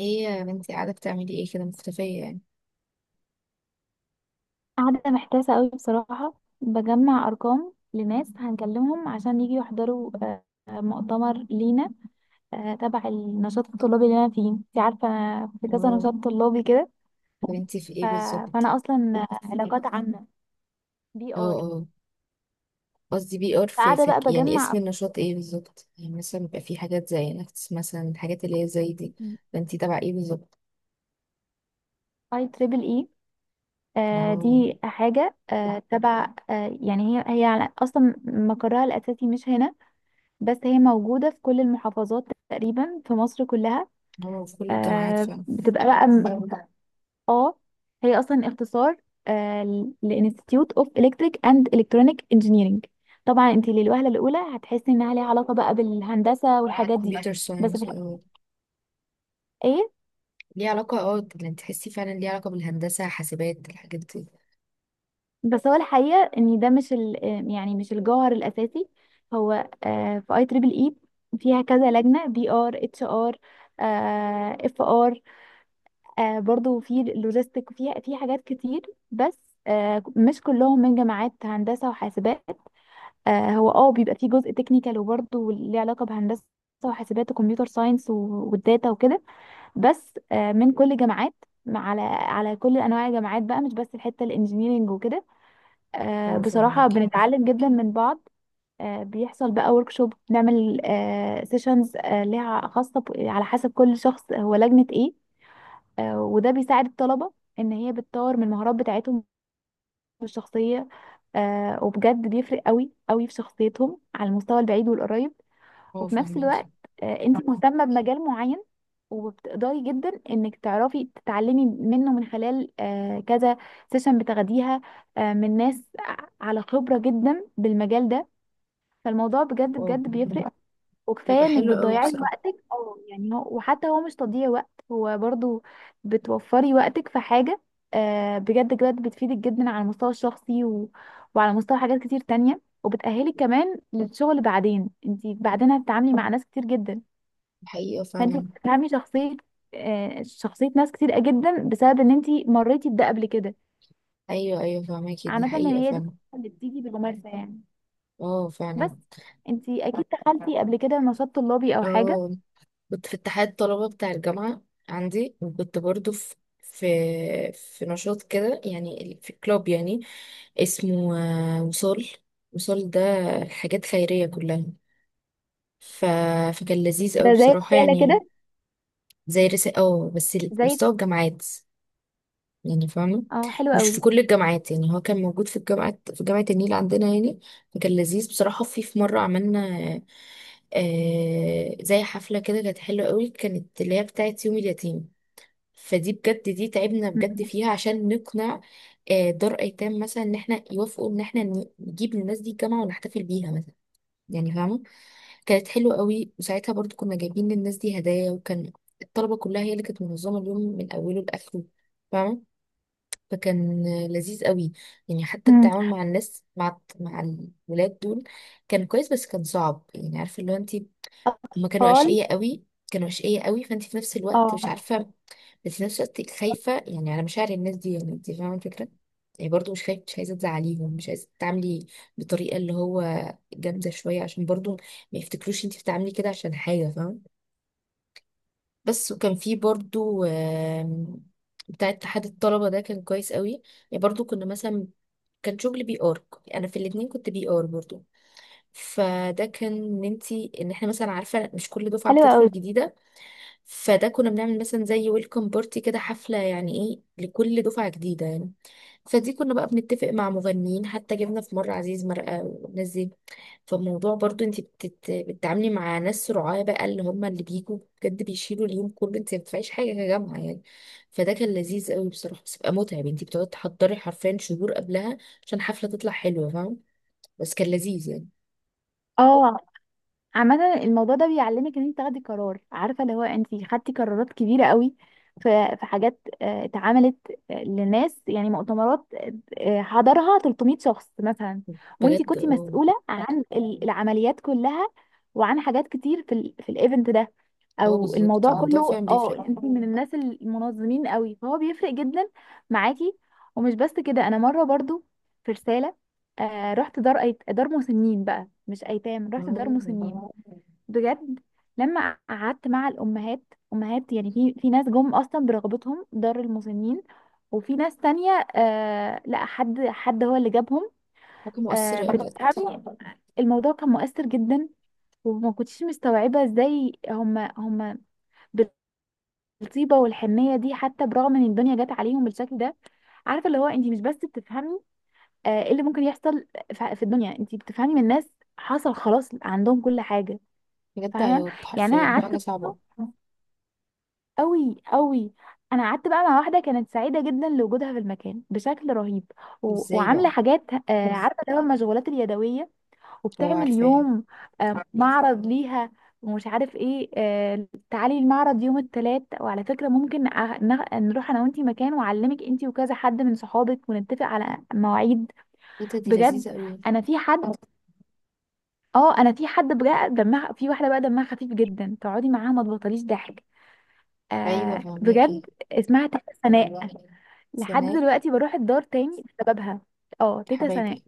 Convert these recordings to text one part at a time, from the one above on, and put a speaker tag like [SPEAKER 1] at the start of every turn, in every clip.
[SPEAKER 1] ايه يا بنتي، قاعدة بتعملي ايه كده مختفية يعني؟
[SPEAKER 2] قاعدة محتاسة قوي بصراحة. بجمع أرقام لناس هنكلمهم عشان يجي يحضروا، مؤتمر لينا. تبع النشاط الطلابي اللي أنا فيه، انت عارفة أنا في كذا
[SPEAKER 1] اه.
[SPEAKER 2] نشاط طلابي كده.
[SPEAKER 1] طب انتي في
[SPEAKER 2] ف-
[SPEAKER 1] ايه بالظبط؟
[SPEAKER 2] فأنا أصلا علاقات عامة، بي
[SPEAKER 1] اه
[SPEAKER 2] آر.
[SPEAKER 1] اه. قصدي بي ار، في,
[SPEAKER 2] قاعدة
[SPEAKER 1] في
[SPEAKER 2] بقى
[SPEAKER 1] يعني اسم
[SPEAKER 2] بجمع
[SPEAKER 1] النشاط ايه بالظبط يعني؟ مثلا بيبقى في حاجات زي نكتس مثلا، الحاجات اللي هي زي دي. فانتي تبع ايه بالظبط؟
[SPEAKER 2] اي تريبل اي.
[SPEAKER 1] اه.
[SPEAKER 2] دي حاجة تبع، يعني هي أصلا مقرها الأساسي مش هنا، بس هي موجودة في كل المحافظات تقريبا في مصر كلها.
[SPEAKER 1] اه، في كل الجامعات فعلا.
[SPEAKER 2] بتبقى بقى، اه، هي اصلا اختصار لانستيتيوت اوف الكتريك اند الكترونيك انجينيرنج. طبعا انت للوهله الاولى هتحسي انها ليها علاقه بقى بالهندسه والحاجات دي،
[SPEAKER 1] كمبيوتر
[SPEAKER 2] بس
[SPEAKER 1] ساينس
[SPEAKER 2] في
[SPEAKER 1] اه.
[SPEAKER 2] الحقيقه.
[SPEAKER 1] ليه علاقة اه، يعني تحسي فعلا ليه علاقة بالهندسة حاسبات الحاجات دي.
[SPEAKER 2] بس هو الحقيقه ان ده مش يعني مش الجوهر الاساسي. هو في اي تريبل اي فيها كذا لجنه، بي ار، اتش ار، اف ار، برضو في لوجيستيك، وفيها في حاجات كتير. بس مش كلهم من جامعات هندسه وحاسبات. هو اه بيبقى فيه جزء تكنيكال وبرضه ليه علاقة بهندسة وحاسبات وكمبيوتر ساينس والداتا وكده. بس من كل جامعات، على كل انواع الجامعات بقى، مش بس الحتة الانجينيرينج وكده.
[SPEAKER 1] اه
[SPEAKER 2] بصراحة
[SPEAKER 1] فاهمك.
[SPEAKER 2] بنتعلم جدا من بعض. بيحصل بقى ورك شوب، بنعمل سيشنز ليها خاصة على حسب كل شخص هو لجنة ايه. وده بيساعد الطلبة ان هي بتطور من المهارات بتاعتهم الشخصية. وبجد بيفرق قوي قوي في شخصيتهم على المستوى البعيد والقريب.
[SPEAKER 1] اه
[SPEAKER 2] وفي نفس
[SPEAKER 1] فاهمك.
[SPEAKER 2] الوقت انت مهتمة بمجال معين، وبتقدري جدا انك تعرفي تتعلمي منه من خلال كذا سيشن بتاخديها من ناس على خبرة جدا بالمجال ده. فالموضوع بجد
[SPEAKER 1] اه
[SPEAKER 2] بجد
[SPEAKER 1] فاهمك.
[SPEAKER 2] بيفرق.
[SPEAKER 1] بيبقى
[SPEAKER 2] وكفايه انك
[SPEAKER 1] حلو قوي
[SPEAKER 2] بتضيعي
[SPEAKER 1] بصراحة.
[SPEAKER 2] وقت، أو يعني هو، وحتى هو مش تضييع وقت، هو برضو بتوفري وقتك في حاجة بجد بجد بتفيدك جدا على المستوى الشخصي وعلى مستوى حاجات كتير تانية، وبتأهلك كمان للشغل بعدين، انت بعدين هتتعاملي مع ناس كتير جدا.
[SPEAKER 1] حقيقة
[SPEAKER 2] فانت
[SPEAKER 1] فعلا.
[SPEAKER 2] بتفهمي شخصيه، شخصيه ناس كتير جدا بسبب ان انت مريتي بده قبل كده.
[SPEAKER 1] ايوه ايوه فاهمك، دي
[SPEAKER 2] عامه إن
[SPEAKER 1] حقيقة
[SPEAKER 2] هي دي
[SPEAKER 1] فعلا.
[SPEAKER 2] اللي بتيجي بالممارسه يعني.
[SPEAKER 1] اه فعلا.
[SPEAKER 2] بس انت اكيد دخلتي قبل كده نشاط طلابي او حاجه.
[SPEAKER 1] اه، كنت في اتحاد طلبة بتاع الجامعة عندي، وكنت برضو في في نشاط كده يعني، في كلوب يعني، اسمه وصال. وصال ده حاجات خيرية كلها. ف... فكان لذيذ قوي
[SPEAKER 2] ده زي
[SPEAKER 1] بصراحة
[SPEAKER 2] رساله
[SPEAKER 1] يعني.
[SPEAKER 2] كده.
[SPEAKER 1] زي رسالة اه، بس
[SPEAKER 2] زي،
[SPEAKER 1] مستوى الجامعات، يعني فاهمة.
[SPEAKER 2] اه، حلو
[SPEAKER 1] مش في
[SPEAKER 2] قوي.
[SPEAKER 1] كل الجامعات يعني، هو كان موجود في الجامعات، في جامعة النيل عندنا يعني. فكان لذيذ بصراحة، في مرة عملنا زي حفلة كده، كانت حلوة قوي، كانت اللي هي بتاعت يوم اليتيم. فدي بجد دي تعبنا بجد
[SPEAKER 2] م-
[SPEAKER 1] فيها عشان نقنع دار ايتام مثلا ان احنا يوافقوا ان احنا نجيب للناس دي الجامعه ونحتفل بيها مثلا، يعني فاهمه. كانت حلوه قوي، وساعتها برضو كنا جايبين للناس دي هدايا، وكان الطلبه كلها هي اللي كانت منظمه اليوم من اوله لاخره، فاهمه. فكان لذيذ قوي يعني. حتى
[SPEAKER 2] م.
[SPEAKER 1] التعامل مع الناس مع الولاد دول كان كويس، بس كان صعب يعني، عارفه اللي هو انت. هما كانوا
[SPEAKER 2] اطفال.
[SPEAKER 1] اشقياء قوي، كانوا اشقياء قوي. فانت في نفس الوقت
[SPEAKER 2] اه،
[SPEAKER 1] مش عارفه، بس في نفس الوقت خايفه يعني على مشاعر الناس دي، يعني انت فاهمه الفكره. يعني برضو مش خايفه، مش عايزه تزعليهم، مش عايزه تتعاملي بطريقه اللي هو جامده شويه، عشان برضو ما يفتكروش انت بتعملي كده عشان حاجه، فاهمه. بس، وكان في برضو، بتاع اتحاد الطلبه ده كان كويس قوي. يعني برضو كنا مثلا كان شغل بي ار، انا في الاتنين كنت بي ار برضو. فده كان ان انت، ان احنا مثلا، عارفه مش كل دفعه
[SPEAKER 2] حلو قوي.
[SPEAKER 1] بتدخل جديده. فده كنا بنعمل مثلا زي ويلكم بارتي كده، حفلة يعني ايه، لكل دفعة جديدة يعني. فدي كنا بقى بنتفق مع مغنيين، حتى جبنا في مرة عزيز مرقة والناس دي. فالموضوع برضو انت بتتعاملي مع ناس رعاة بقى، اللي هم اللي بيجوا بجد بيشيلوا اليوم كله، انت ما بتدفعيش حاجة كجامعة يعني. فده كان لذيذ قوي بصراحة، بس بقى متعب، انت بتقعدي تحضري حرفيا شهور قبلها عشان حفلة تطلع حلوة، فاهم. بس كان لذيذ يعني.
[SPEAKER 2] اه، عامة الموضوع ده بيعلمك ان انت تاخدي قرار، عارفة اللي هو انت خدتي قرارات كبيرة قوي. في حاجات اتعملت، لناس، يعني مؤتمرات حضرها 300 شخص مثلا. وانت
[SPEAKER 1] بجد
[SPEAKER 2] كنت
[SPEAKER 1] اه.
[SPEAKER 2] مسؤولة عن العمليات كلها، وعن حاجات كتير في في الايفنت ده،
[SPEAKER 1] اه
[SPEAKER 2] او
[SPEAKER 1] بالظبط،
[SPEAKER 2] الموضوع
[SPEAKER 1] الموضوع
[SPEAKER 2] كله.
[SPEAKER 1] فعلا بيفرق.
[SPEAKER 2] اه، انت من الناس المنظمين قوي، فهو بيفرق جدا معاكي. ومش بس كده، انا مرة برضو في رسالة رحت دار مسنين بقى، مش ايتام، رحت دار
[SPEAKER 1] اه،
[SPEAKER 2] مسنين. بجد، لما قعدت مع الامهات، امهات يعني، في ناس جم اصلا برغبتهم دار المسنين، وفي ناس تانية آه، لا، حد هو اللي جابهم.
[SPEAKER 1] حاجة
[SPEAKER 2] آه،
[SPEAKER 1] مؤثرة بجد.
[SPEAKER 2] بتفهمي، الموضوع كان مؤثر جدا. وما كنتش مستوعبة ازاي هم بالطيبة والحنية دي، حتى برغم ان الدنيا جت عليهم بالشكل ده. عارفة اللي هو، انت مش بس بتفهمي ايه اللي ممكن يحصل في الدنيا، انت بتفهمي من الناس حصل خلاص عندهم كل حاجة.
[SPEAKER 1] بجد
[SPEAKER 2] فاهمه،
[SPEAKER 1] عياط
[SPEAKER 2] يعني انا، لا.
[SPEAKER 1] حرفيا، حاجة
[SPEAKER 2] قعدت
[SPEAKER 1] صعبة.
[SPEAKER 2] برضه قوي قوي. انا قعدت بقى مع واحده كانت سعيده جدا لوجودها في المكان بشكل رهيب
[SPEAKER 1] ازاي
[SPEAKER 2] وعامله
[SPEAKER 1] بقى؟
[SPEAKER 2] حاجات، بس عارفه اللي هو المشغولات اليدويه،
[SPEAKER 1] هو
[SPEAKER 2] وبتعمل
[SPEAKER 1] عارفاها.
[SPEAKER 2] يوم معرض ليها، ومش عارف ايه، تعالي المعرض يوم الثلاث، وعلى فكره ممكن نروح انا وانتي مكان، واعلمك انتي وكذا حد من صحابك ونتفق على مواعيد.
[SPEAKER 1] ايه ده، دي
[SPEAKER 2] بجد،
[SPEAKER 1] لذيذة قوي.
[SPEAKER 2] انا في حد، اه، انا في حد بجد دمها، في واحده بقى دمها خفيف جدا، تقعدي معاها ما تبطليش ضحك.
[SPEAKER 1] ايوه
[SPEAKER 2] آه، بجد،
[SPEAKER 1] فهماكي.
[SPEAKER 2] اسمها تيتا سناء. لحد
[SPEAKER 1] سناء.
[SPEAKER 2] دلوقتي بروح الدار تاني بسببها. اه، تيتا سناء،
[SPEAKER 1] حبايبي.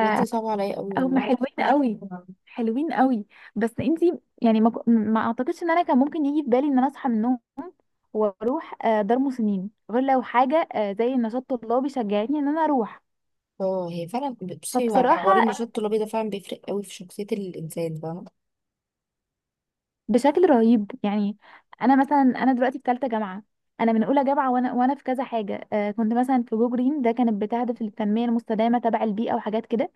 [SPEAKER 1] بجد دي صعبة عليا قوي والله.
[SPEAKER 2] حلوين قوي، حلوين قوي. بس انتي يعني ما اعتقدش ان انا كان ممكن يجي في بالي ان انا اصحى من النوم واروح دار مسنين، غير لو حاجه زي نشاط طلابي شجعتني ان انا اروح.
[SPEAKER 1] اه هي فعلا. بصي، هو الحوار
[SPEAKER 2] فبصراحه،
[SPEAKER 1] النشاط الطلابي ده فعلا بيفرق قوي في شخصية الإنسان، فاهمة.
[SPEAKER 2] بشكل رهيب يعني. انا مثلا، انا دلوقتي في ثالثه جامعه. انا من اولى جامعه، وانا في كذا حاجه، آه، كنت مثلا في جو جرين، ده كانت بتهدف للتنميه المستدامه تبع البيئه وحاجات كده.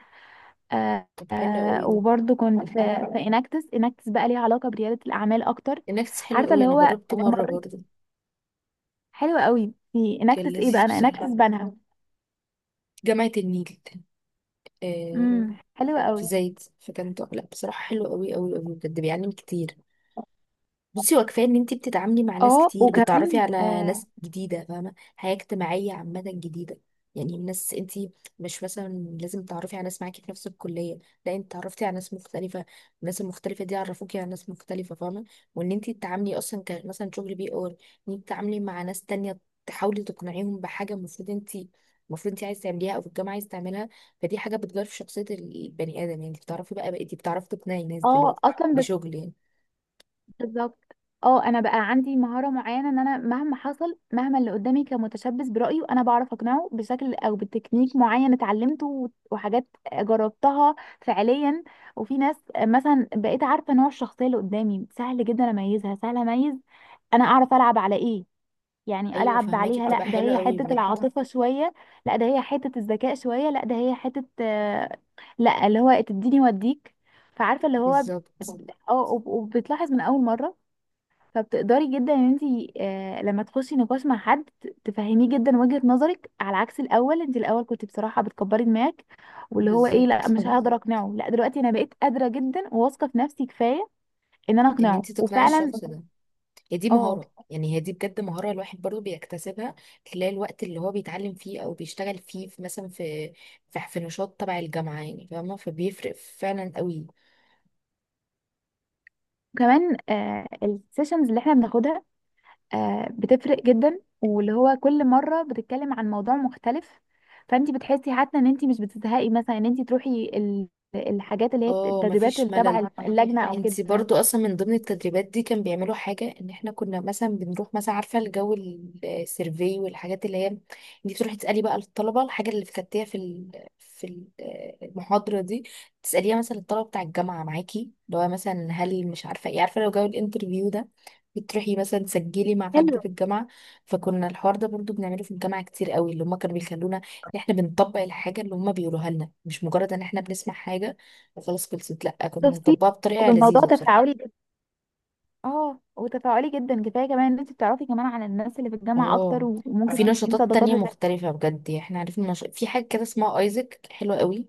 [SPEAKER 2] آه
[SPEAKER 1] طب حلو قوي
[SPEAKER 2] آه
[SPEAKER 1] ده.
[SPEAKER 2] وبرضه كنت في اناكتس بقى ليها علاقه برياده الاعمال اكتر.
[SPEAKER 1] النكس حلو
[SPEAKER 2] عارفه
[SPEAKER 1] قوي،
[SPEAKER 2] اللي
[SPEAKER 1] أنا
[SPEAKER 2] هو،
[SPEAKER 1] جربته مرة برضه.
[SPEAKER 2] حلو قوي في
[SPEAKER 1] كان
[SPEAKER 2] اناكتس. ايه
[SPEAKER 1] لذيذ
[SPEAKER 2] بقى، انا
[SPEAKER 1] بصراحة.
[SPEAKER 2] اناكتس بنها.
[SPEAKER 1] جامعة النيل. آه.
[SPEAKER 2] حلو
[SPEAKER 1] في
[SPEAKER 2] قوي.
[SPEAKER 1] زايد، فكان لا بصراحة حلو قوي قوي قوي، بجد بيعلم كتير. بصي، هو كفايه ان انت بتتعاملي مع ناس
[SPEAKER 2] اه،
[SPEAKER 1] كتير، بتتعرفي
[SPEAKER 2] وكمان،
[SPEAKER 1] على
[SPEAKER 2] اه،
[SPEAKER 1] ناس جديده، فاهمه، حياه اجتماعيه عامه جديده. يعني ناس انت مش مثلا لازم تتعرفي على ناس معاكي في نفس الكليه. لا، انت اتعرفتي على ناس مختلفه. الناس المختلفه دي عرفوكي على ناس مختلفه، فاهمه. وان انت تتعاملي اصلا ك مثلا شغل بي اور، ان انت تتعاملي مع ناس تانية، تحاولي تقنعيهم بحاجه، المفروض انت، المفروض انت عايزه تعمليها او في الجامعه عايزه تعملها. فدي حاجه بتغير في شخصيه البني ادم يعني. انت بتعرفي بقى، بقيتي بتعرفي تقنعي ناس دلوقتي
[SPEAKER 2] اصلا
[SPEAKER 1] بشغل يعني.
[SPEAKER 2] بالظبط. اه، انا بقى عندي مهاره معينه، ان انا مهما حصل، مهما اللي قدامي كان متشبث برايي، انا بعرف اقنعه بشكل او بتكنيك معين اتعلمته وحاجات جربتها فعليا. وفي ناس مثلا بقيت عارفه نوع الشخصيه اللي قدامي، سهل جدا اميزها، سهل اميز انا اعرف العب على ايه. يعني
[SPEAKER 1] ايوه
[SPEAKER 2] العب
[SPEAKER 1] فهماكي،
[SPEAKER 2] عليها، لا،
[SPEAKER 1] بتبقى
[SPEAKER 2] ده
[SPEAKER 1] حلوه
[SPEAKER 2] هي
[SPEAKER 1] قوي
[SPEAKER 2] حته
[SPEAKER 1] بجد.
[SPEAKER 2] العاطفه شويه، لا ده هي حته الذكاء شويه، لا ده هي حته لا، اللي هو تديني وديك. فعارفه اللي هو،
[SPEAKER 1] بالظبط
[SPEAKER 2] اه، وبتلاحظ من اول مره. فبتقدري جدا ان انت لما تخشي نقاش مع حد تفهميه جدا وجهة نظرك، على عكس الاول، انت الاول كنت بصراحة بتكبري دماغك، واللي هو ايه، لا
[SPEAKER 1] بالظبط،
[SPEAKER 2] مش هقدر اقنعه، لا دلوقتي انا بقيت قادرة جدا وواثقة في نفسي كفاية ان انا
[SPEAKER 1] ان
[SPEAKER 2] اقنعه،
[SPEAKER 1] انت تقنعي
[SPEAKER 2] وفعلا.
[SPEAKER 1] الشخص ده، هي دي
[SPEAKER 2] اه،
[SPEAKER 1] مهاره يعني، هي دي بجد مهاره. الواحد برضو بيكتسبها خلال الوقت اللي هو بيتعلم فيه او بيشتغل فيه في مثلا في نشاط تبع الجامعه يعني، فاهمه، فبيفرق فعلا قوي.
[SPEAKER 2] كمان آه السيشنز اللي احنا بناخدها آه بتفرق جدا، واللي هو كل مرة بتتكلم عن موضوع مختلف. فانت بتحسي حتى ان انت مش بتزهقي مثلا ان انت تروحي الحاجات اللي هي
[SPEAKER 1] اه
[SPEAKER 2] التدريبات
[SPEAKER 1] مفيش
[SPEAKER 2] اللي
[SPEAKER 1] ملل.
[SPEAKER 2] تبع اللجنة او
[SPEAKER 1] انتي
[SPEAKER 2] كده.
[SPEAKER 1] برضو اصلا من ضمن التدريبات دي كان بيعملوا حاجة، ان احنا كنا مثلا بنروح مثلا، عارفة الجو السيرفي، والحاجات اللي هي انتي بتروحي تسألي بقى الطلبة الحاجة اللي فكرتيها في المحاضرة دي، تسأليها مثلا الطلبة بتاع الجامعة معاكي، اللي هو مثلا هل مش عارفة ايه، عارفة لو جو الانترفيو ده بتروحي مثلا تسجلي مع حد في الجامعة. فكنا الحوار ده برضو بنعمله في الجامعة كتير قوي، اللي هما كانوا بيخلونا ان احنا بنطبق الحاجة اللي هما بيقولوها لنا، مش مجرد ان احنا بنسمع حاجة وخلاص خلصت، لأ، كنا
[SPEAKER 2] شفتي،
[SPEAKER 1] بنطبقها بطريقة
[SPEAKER 2] والموضوع
[SPEAKER 1] لذيذة بصراحة.
[SPEAKER 2] تفاعلي جدا. اه، وتفاعلي جدا، كفايه كمان ان انت بتعرفي كمان عن الناس اللي في الجامعه اكتر،
[SPEAKER 1] اه،
[SPEAKER 2] وممكن
[SPEAKER 1] في
[SPEAKER 2] تكوني
[SPEAKER 1] نشاطات
[SPEAKER 2] صداقات
[SPEAKER 1] تانية
[SPEAKER 2] بتاع.
[SPEAKER 1] مختلفة بجد يعني. احنا عرفنا في حاجة كده اسمها ايزك، حلوة قوي.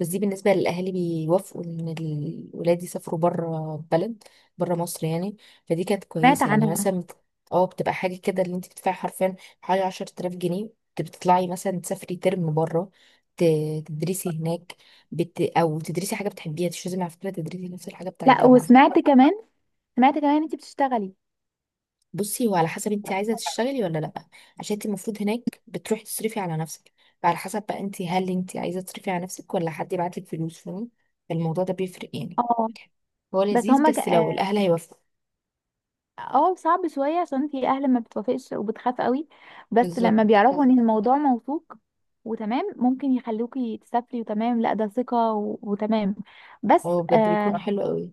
[SPEAKER 1] بس دي بالنسبة للأهالي بيوافقوا إن الولاد يسافروا بره البلد، بره مصر يعني. فدي كانت
[SPEAKER 2] سمعت
[SPEAKER 1] كويسة يعني،
[SPEAKER 2] عنها.
[SPEAKER 1] مثلا اه، بتبقى حاجة كده اللي انت بتدفعي حرفيا حوالي 10,000 جنيه، بتطلعي مثلا تسافري ترم بره، ت- تدرسي هناك، أو تدرسي حاجة بتحبيها. مش لازم على فكرة تدرسي نفس الحاجة بتاع
[SPEAKER 2] لا،
[SPEAKER 1] الجامعة.
[SPEAKER 2] وسمعت كمان، سمعت كمان ان انت بتشتغلي.
[SPEAKER 1] بصي، هو على حسب انت عايزه تشتغلي ولا لا، عشان انت المفروض هناك بتروحي تصرفي على نفسك. فعلى حسب بقى انت، هل انت عايزه تصرفي على نفسك ولا حد يبعتلك فلوس، فاهمة؟ فالموضوع ده بيفرق يعني.
[SPEAKER 2] اه،
[SPEAKER 1] هو
[SPEAKER 2] بس
[SPEAKER 1] لذيذ
[SPEAKER 2] هما
[SPEAKER 1] بس
[SPEAKER 2] اه،
[SPEAKER 1] لو الاهل هيوافقوا.
[SPEAKER 2] صعب شويه، عشان انت، اهل ما بتوافقش وبتخاف قوي. بس لما
[SPEAKER 1] بالظبط.
[SPEAKER 2] بيعرفوا ان الموضوع موثوق وتمام، ممكن يخلوكي تسافري، وتمام، لا ده ثقه وتمام. بس
[SPEAKER 1] هو بجد بيكون
[SPEAKER 2] آه،
[SPEAKER 1] حلو قوي.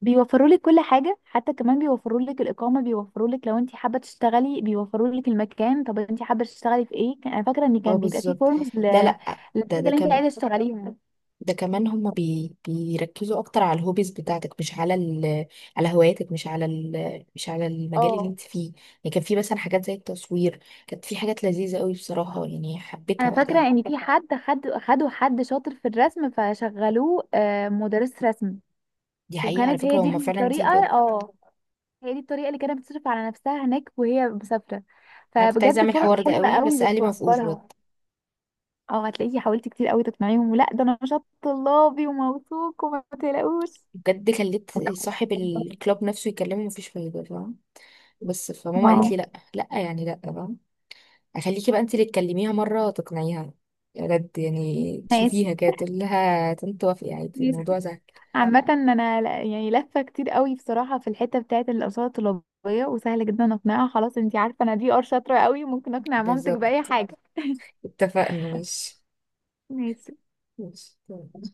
[SPEAKER 2] بيوفروا لك كل حاجة، حتى كمان بيوفروا لك الإقامة، بيوفروا لك لو انت حابة تشتغلي، بيوفروا لك المكان. طب انت حابة تشتغلي في ايه؟ انا فاكرة ان
[SPEAKER 1] اه
[SPEAKER 2] كان بيبقى فيه
[SPEAKER 1] بالظبط.
[SPEAKER 2] فورمز
[SPEAKER 1] لا لا،
[SPEAKER 2] للحاجة
[SPEAKER 1] ده
[SPEAKER 2] اللي انت
[SPEAKER 1] كمان،
[SPEAKER 2] عايزة تشتغليها.
[SPEAKER 1] ده كمان هما بيركزوا اكتر على الهوبيز بتاعتك، مش على ال، على هواياتك، مش على ال، مش على المجال اللي انت فيه يعني. كان في مثلا حاجات زي التصوير، كانت في حاجات لذيذة قوي بصراحة يعني،
[SPEAKER 2] انا
[SPEAKER 1] حبيتها
[SPEAKER 2] فاكرة
[SPEAKER 1] وقتها.
[SPEAKER 2] ان في حد خدوا حد شاطر في الرسم فشغلوه مدرس رسم.
[SPEAKER 1] دي حقيقة على
[SPEAKER 2] وكانت هي
[SPEAKER 1] فكرة،
[SPEAKER 2] دي
[SPEAKER 1] هما فعلا دي
[SPEAKER 2] الطريقة،
[SPEAKER 1] بجد.
[SPEAKER 2] اه، هي دي الطريقة اللي كانت بتصرف على نفسها هناك وهي مسافرة.
[SPEAKER 1] أنا كنت عايزة
[SPEAKER 2] فبجد
[SPEAKER 1] أعمل
[SPEAKER 2] فرص
[SPEAKER 1] الحوار ده
[SPEAKER 2] حلوة
[SPEAKER 1] قوي بس
[SPEAKER 2] قوي
[SPEAKER 1] أهلي ما وافقوش بجد.
[SPEAKER 2] بتوفرها. اه، هتلاقيكي حاولتي كتير قوي تقنعيهم، ولا ده نشاط طلابي وموثوق وما تقلقوش.
[SPEAKER 1] بجد خليت صاحب الكلاب نفسه يكلمه مفيش فايدة، فاهم. بس، فماما
[SPEAKER 2] واو.
[SPEAKER 1] قالت لي لأ لأ يعني، لأ، فاهم. أخليكي بقى أنت اللي تكلميها مرة، تقنعيها بجد يعني.
[SPEAKER 2] ماشي،
[SPEAKER 1] تشوفيها كده تقول لها تنت وافقي عادي
[SPEAKER 2] ماشي.
[SPEAKER 1] الموضوع سهل.
[SPEAKER 2] عامة انا يعني لفة كتير قوي بصراحة في الحتة بتاعة الأقساط الطلابية، وسهل جدا اقنعها. خلاص انتي عارفة انا دي ار شاطرة قوي، ممكن اقنع مامتك بأي
[SPEAKER 1] بالظبط،
[SPEAKER 2] حاجة.
[SPEAKER 1] اتفقنا، ماشي.
[SPEAKER 2] ماشي.
[SPEAKER 1] ماشي.